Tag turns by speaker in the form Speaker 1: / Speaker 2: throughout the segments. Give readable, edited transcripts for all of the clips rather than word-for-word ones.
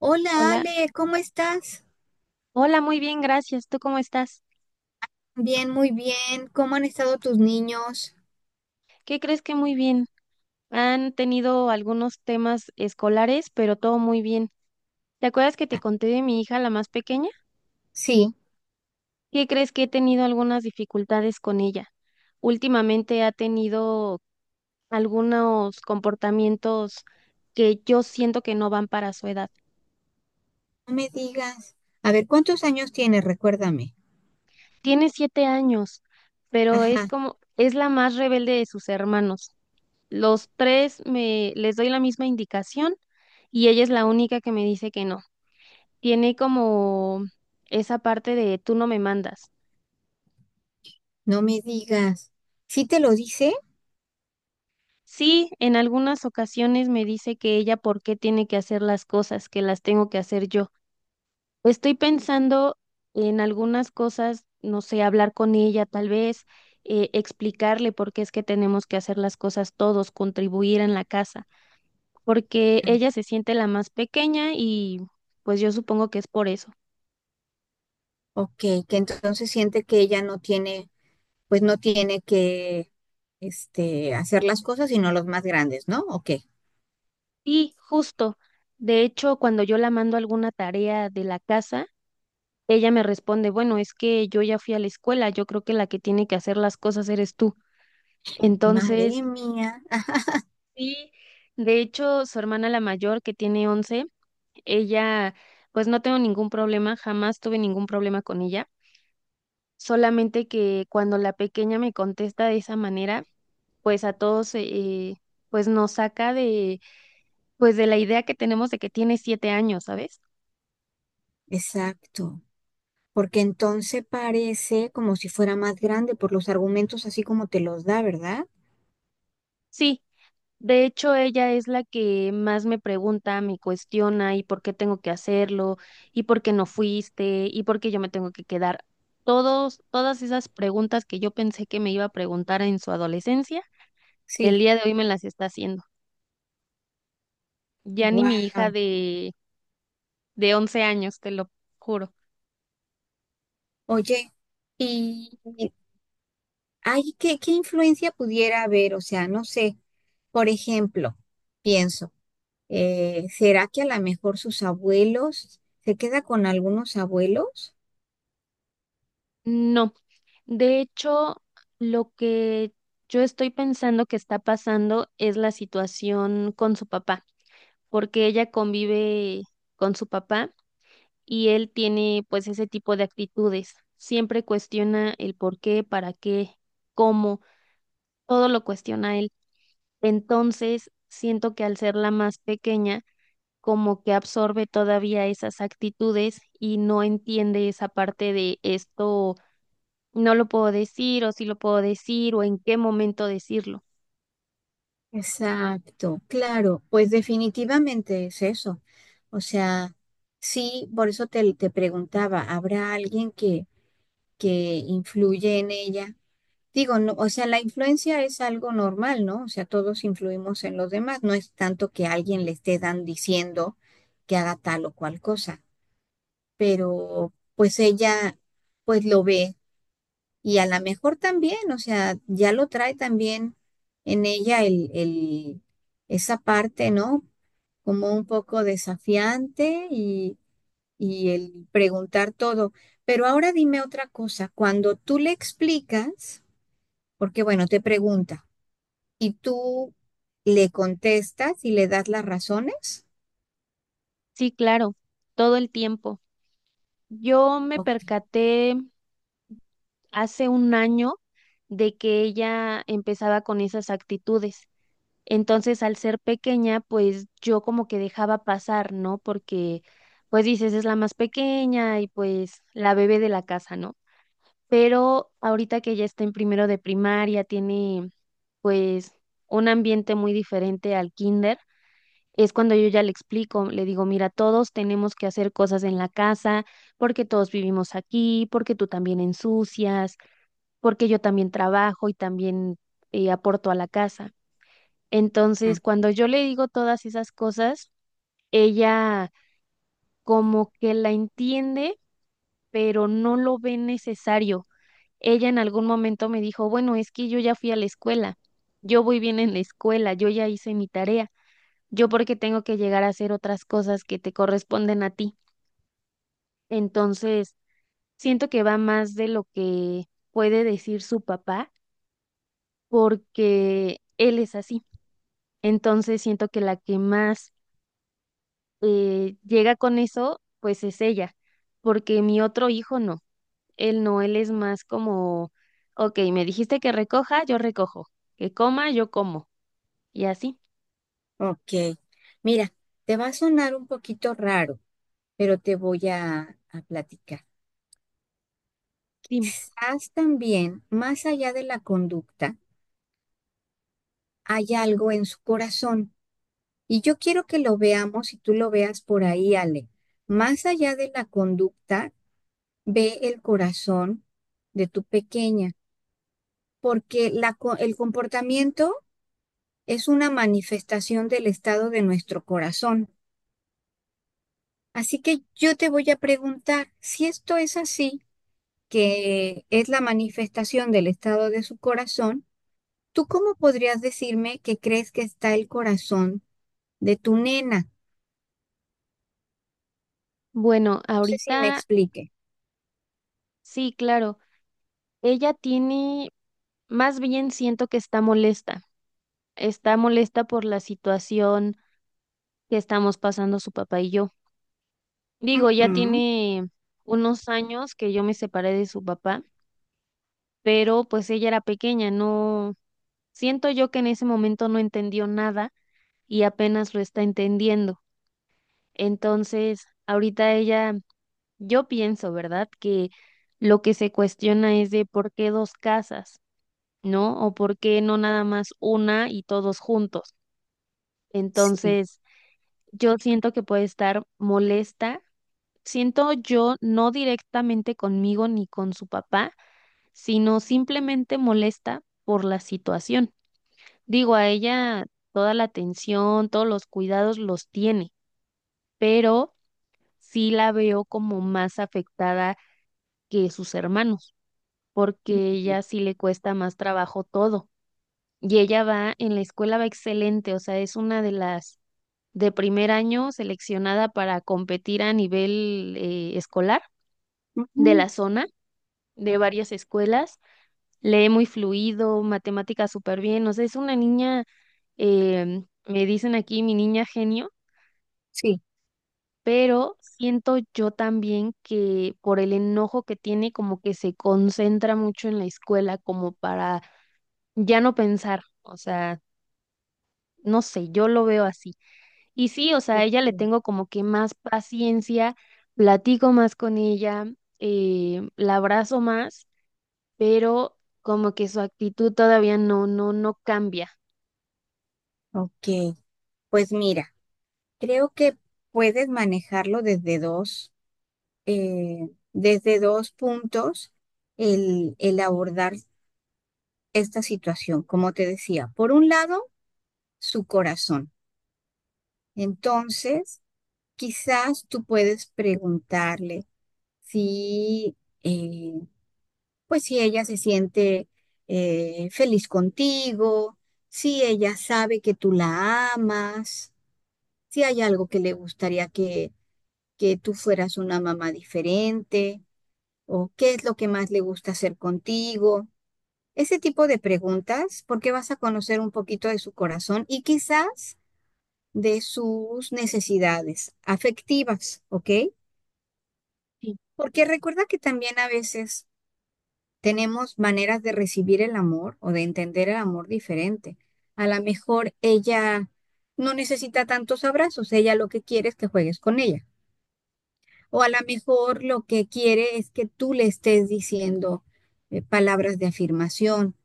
Speaker 1: Hola
Speaker 2: Hola,
Speaker 1: Ale, ¿cómo estás?
Speaker 2: hola, muy bien, gracias. ¿Tú cómo estás?
Speaker 1: Bien, muy bien. ¿Cómo han estado tus niños?
Speaker 2: ¿Qué crees que muy bien? Han tenido algunos temas escolares, pero todo muy bien. ¿Te acuerdas que te conté de mi hija, la más pequeña?
Speaker 1: Sí,
Speaker 2: ¿Qué crees que he tenido algunas dificultades con ella? Últimamente ha tenido algunos comportamientos que yo siento que no van para su edad.
Speaker 1: no me digas. A ver, ¿cuántos años tienes? Recuérdame.
Speaker 2: Tiene siete años, pero es
Speaker 1: Ajá,
Speaker 2: como, es la más rebelde de sus hermanos. Los tres me les doy la misma indicación y ella es la única que me dice que no. Tiene como esa parte de tú no me mandas.
Speaker 1: no me digas. ¿Sí te lo dice?
Speaker 2: Sí, en algunas ocasiones me dice que ella por qué tiene que hacer las cosas, que las tengo que hacer yo. Estoy pensando en algunas cosas, no sé, hablar con ella tal vez, explicarle por qué es que tenemos que hacer las cosas todos, contribuir en la casa, porque
Speaker 1: Ya.
Speaker 2: ella se siente la más pequeña y pues yo supongo que es por eso.
Speaker 1: Ok, que entonces siente que ella no tiene, pues no tiene que, hacer las cosas sino los más grandes, ¿no? Ok.
Speaker 2: Sí, justo. De hecho, cuando yo la mando alguna tarea de la casa, ella me responde, bueno, es que yo ya fui a la escuela, yo creo que la que tiene que hacer las cosas eres tú. Entonces,
Speaker 1: Madre mía. Ah,
Speaker 2: sí, de hecho, su hermana la mayor, que tiene 11, ella, pues no tengo ningún problema, jamás tuve ningún problema con ella, solamente que cuando la pequeña me contesta de esa manera, pues a todos, pues nos saca de, pues de la idea que tenemos de que tiene 7 años, ¿sabes?
Speaker 1: exacto. Porque entonces parece como si fuera más grande por los argumentos así como te los da, ¿verdad?
Speaker 2: Sí, de hecho, ella es la que más me pregunta, me cuestiona y por qué tengo que hacerlo, y por qué no fuiste, y por qué yo me tengo que quedar. Todas esas preguntas que yo pensé que me iba a preguntar en su adolescencia, el
Speaker 1: Sí.
Speaker 2: día de hoy me las está haciendo. Ya ni mi hija
Speaker 1: Wow.
Speaker 2: de, once años, te lo juro.
Speaker 1: Oye, y hay qué, qué influencia pudiera haber, o sea, no sé, por ejemplo, pienso, ¿será que a lo mejor sus abuelos se queda con algunos abuelos?
Speaker 2: No, de hecho, lo que yo estoy pensando que está pasando es la situación con su papá, porque ella convive con su papá y él tiene pues ese tipo de actitudes. Siempre cuestiona el por qué, para qué, cómo, todo lo cuestiona él. Entonces, siento que al ser la más pequeña, como que absorbe todavía esas actitudes y no entiende esa parte de esto, no lo puedo decir o sí lo puedo decir o en qué momento decirlo.
Speaker 1: Exacto, claro, pues definitivamente es eso. O sea, sí, por eso te, te preguntaba, ¿habrá alguien que influye en ella? Digo, no, o sea, la influencia es algo normal, ¿no? O sea, todos influimos en los demás, no es tanto que alguien le esté dan diciendo que haga tal o cual cosa, pero pues ella pues lo ve y a lo mejor también, o sea, ya lo trae también en ella esa parte, ¿no? Como un poco desafiante y el preguntar todo. Pero ahora dime otra cosa, cuando tú le explicas, porque bueno, te pregunta. Y tú le contestas y le das las razones.
Speaker 2: Sí, claro, todo el tiempo. Yo me
Speaker 1: Ok.
Speaker 2: percaté hace un año de que ella empezaba con esas actitudes. Entonces, al ser pequeña, pues yo como que dejaba pasar, ¿no? Porque, pues dices, es la más pequeña y pues la bebé de la casa, ¿no? Pero ahorita que ya está en primero de primaria, tiene pues un ambiente muy diferente al kinder. Es cuando yo ya le explico, le digo, mira, todos tenemos que hacer cosas en la casa, porque todos vivimos aquí, porque tú también ensucias, porque yo también trabajo y también aporto a la casa.
Speaker 1: Mm,
Speaker 2: Entonces, cuando yo le digo todas esas cosas, ella como que la entiende, pero no lo ve necesario. Ella en algún momento me dijo, bueno, es que yo ya fui a la escuela, yo voy bien en la escuela, yo ya hice mi tarea, yo porque tengo que llegar a hacer otras cosas que te corresponden a ti. Entonces, siento que va más de lo que puede decir su papá, porque él es así. Entonces, siento que la que más llega con eso, pues es ella, porque mi otro hijo no, él no, él es más como, ok, me dijiste que recoja, yo recojo, que coma, yo como, y así,
Speaker 1: ok. Mira, te va a sonar un poquito raro, pero te voy a platicar.
Speaker 2: dime.
Speaker 1: Quizás también, más allá de la conducta, hay algo en su corazón. Y yo quiero que lo veamos y tú lo veas por ahí, Ale. Más allá de la conducta, ve el corazón de tu pequeña, porque el comportamiento es una manifestación del estado de nuestro corazón. Así que yo te voy a preguntar, si esto es así, que es la manifestación del estado de su corazón, ¿tú cómo podrías decirme que crees que está el corazón de tu nena? No
Speaker 2: Bueno,
Speaker 1: sé si me
Speaker 2: ahorita
Speaker 1: explique.
Speaker 2: sí, claro, ella tiene, más bien siento que está molesta por la situación que estamos pasando su papá y yo. Digo, ya
Speaker 1: Ujú,
Speaker 2: tiene unos años que yo me separé de su papá, pero pues ella era pequeña, no. Siento yo que en ese momento no entendió nada y apenas lo está entendiendo. Entonces, ahorita ella, yo pienso, ¿verdad? Que lo que se cuestiona es de por qué dos casas, ¿no? O por qué no nada más una y todos juntos.
Speaker 1: sí,
Speaker 2: Entonces, yo siento que puede estar molesta. Siento yo no directamente conmigo ni con su papá, sino simplemente molesta por la situación. Digo, a ella toda la atención, todos los cuidados los tiene, pero sí la veo como más afectada que sus hermanos, porque ella sí le cuesta más trabajo todo. Y ella va en la escuela, va excelente, o sea, es una de las de primer año seleccionada para competir a nivel escolar de
Speaker 1: ujú,
Speaker 2: la zona, de varias escuelas. Lee muy fluido, matemáticas súper bien, o sea, es una niña, me dicen aquí mi niña genio,
Speaker 1: sí.
Speaker 2: pero siento yo también que por el enojo que tiene, como que se concentra mucho en la escuela, como para ya no pensar, o sea, no sé, yo lo veo así. Y sí, o sea, a
Speaker 1: Ok,
Speaker 2: ella le tengo como que más paciencia, platico más con ella, la abrazo más, pero como que su actitud todavía no, no, no cambia.
Speaker 1: ok. Pues mira, creo que puedes manejarlo desde dos puntos el abordar esta situación, como te decía, por un lado, su corazón. Entonces, quizás tú puedes preguntarle si, eh, pues si ella se siente feliz contigo, si ella sabe que tú la amas, si hay algo que le gustaría que tú fueras una mamá diferente, o qué es lo que más le gusta hacer contigo. Ese tipo de preguntas, porque vas a conocer un poquito de su corazón y quizás de sus necesidades afectivas, ¿ok?
Speaker 2: Sí,
Speaker 1: Porque recuerda que también a veces tenemos maneras de recibir el amor o de entender el amor diferente. A lo mejor ella no necesita tantos abrazos, ella lo que quiere es que juegues con ella. O a lo mejor lo que quiere es que tú le estés diciendo palabras de afirmación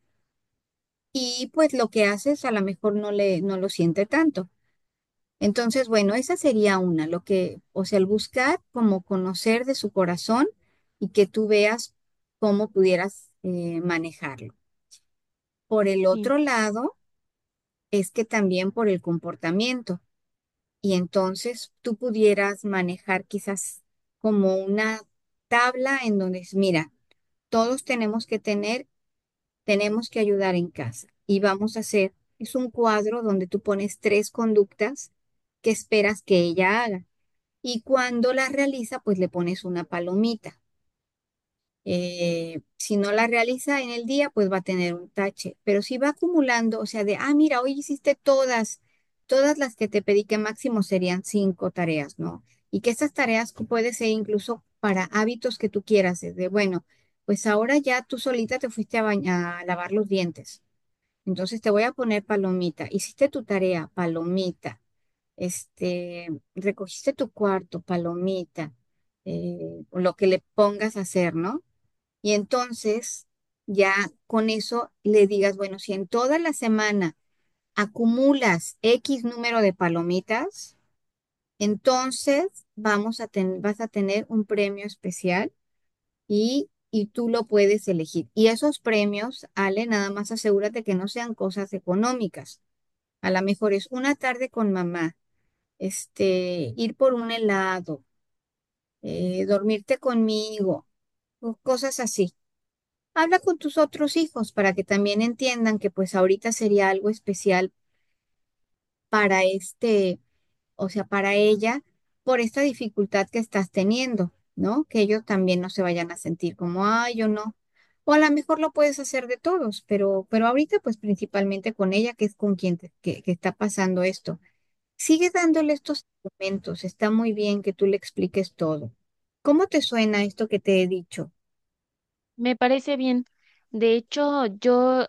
Speaker 1: y pues lo que haces a lo mejor no le no lo siente tanto. Entonces, bueno, esa sería una, lo que, o sea, el buscar como conocer de su corazón y que tú veas cómo pudieras manejarlo. Por el
Speaker 2: sí,
Speaker 1: otro lado, es que también por el comportamiento y entonces tú pudieras manejar quizás como una tabla en donde es, mira, todos tenemos que tener, tenemos que ayudar en casa y vamos a hacer, es un cuadro donde tú pones tres conductas que esperas que ella haga. Y cuando la realiza, pues le pones una palomita. Si no la realiza en el día, pues va a tener un tache. Pero si va acumulando, o sea, de, ah, mira, hoy hiciste todas, todas las que te pedí, que máximo serían cinco tareas, ¿no? Y que estas tareas puede ser incluso para hábitos que tú quieras, desde, bueno, pues ahora ya tú solita te fuiste a, bañar, a lavar los dientes. Entonces te voy a poner palomita. Hiciste tu tarea, palomita este, recogiste tu cuarto, palomita, o lo que le pongas a hacer, ¿no? Y entonces ya con eso le digas, bueno, si en toda la semana acumulas X número de palomitas, entonces vas a tener un premio especial y tú lo puedes elegir. Y esos premios, Ale, nada más asegúrate que no sean cosas económicas. A lo mejor es una tarde con mamá ir por un helado, dormirte conmigo, o cosas así. Habla con tus otros hijos para que también entiendan que pues ahorita sería algo especial para o sea, para ella, por esta dificultad que estás teniendo, ¿no? Que ellos también no se vayan a sentir como, ay, yo no. O a lo mejor lo puedes hacer de todos, pero ahorita pues principalmente con ella, que es con que está pasando esto. Sigue dándole estos argumentos. Está muy bien que tú le expliques todo. ¿Cómo te suena esto que te he dicho?
Speaker 2: me parece bien. De hecho, yo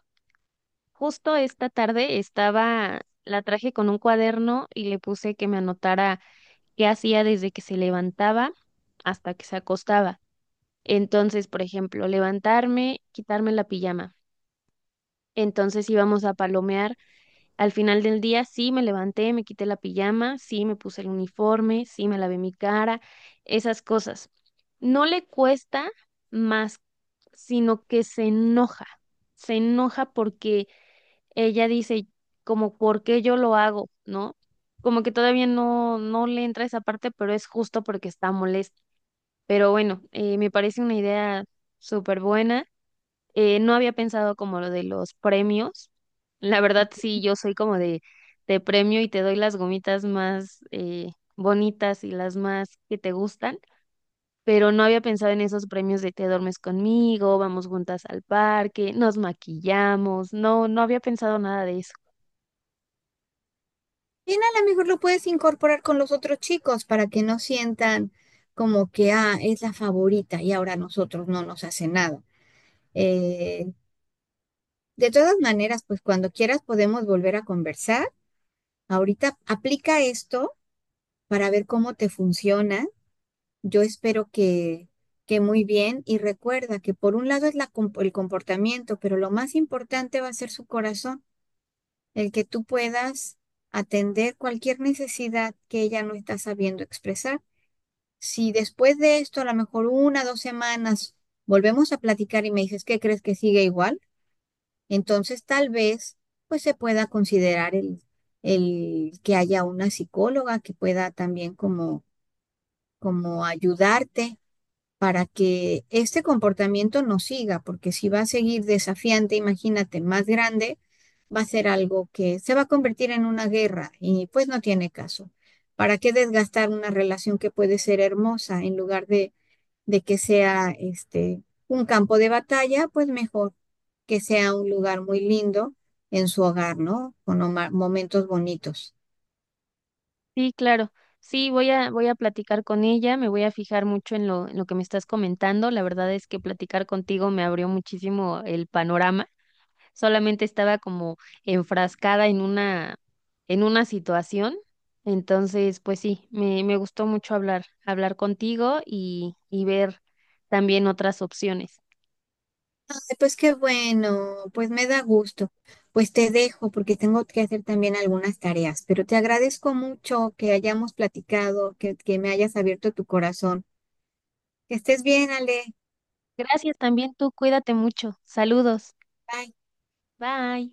Speaker 2: Justo esta tarde estaba, la traje con un cuaderno y le puse que me anotara qué hacía desde que se levantaba hasta que se acostaba. Entonces, por ejemplo, levantarme, quitarme la pijama. Entonces íbamos a palomear. Al final del día, sí me levanté, me quité la pijama, sí me puse el uniforme, sí me lavé mi cara, esas cosas. No le cuesta más, sino que se enoja. Se enoja porque ella dice como por qué yo lo hago, ¿no? Como que todavía no, no le entra esa parte, pero es justo porque está molesta. Pero bueno, me parece una idea súper buena. No había pensado como lo de los premios. La verdad, sí, yo soy como de, premio y te doy las gomitas más bonitas y las más que te gustan. Pero no había pensado en esos premios de te duermes conmigo, vamos juntas al parque, nos maquillamos. No, no había pensado nada de eso.
Speaker 1: Bien, a lo mejor lo puedes incorporar con los otros chicos para que no sientan como que, ah, es la favorita y ahora a nosotros no nos hace nada. Eh, de todas maneras, pues cuando quieras podemos volver a conversar. Ahorita aplica esto para ver cómo te funciona. Yo espero que muy bien y recuerda que por un lado es el comportamiento, pero lo más importante va a ser su corazón, el que tú puedas atender cualquier necesidad que ella no está sabiendo expresar. Si después de esto, a lo mejor una, dos semanas, volvemos a platicar y me dices que crees que sigue igual, entonces tal vez pues se pueda considerar el que haya una psicóloga que pueda también como, como ayudarte para que este comportamiento no siga, porque si va a seguir desafiante, imagínate, más grande, va a ser algo que se va a convertir en una guerra y pues no tiene caso. ¿Para qué desgastar una relación que puede ser hermosa en lugar de que sea este un campo de batalla? Pues mejor que sea un lugar muy lindo en su hogar, ¿no? Con momentos bonitos.
Speaker 2: Sí, claro. Sí, voy a platicar con ella, me voy a fijar mucho en lo que me estás comentando. La verdad es que platicar contigo me abrió muchísimo el panorama. Solamente estaba como enfrascada en una situación. Entonces, pues sí, me gustó mucho hablar contigo y ver también otras opciones.
Speaker 1: Ay, pues qué bueno, pues me da gusto. Pues te dejo porque tengo que hacer también algunas tareas, pero te agradezco mucho que hayamos platicado, que me hayas abierto tu corazón. Que estés bien, Ale.
Speaker 2: Gracias también tú, cuídate mucho. Saludos.
Speaker 1: Bye.
Speaker 2: Bye.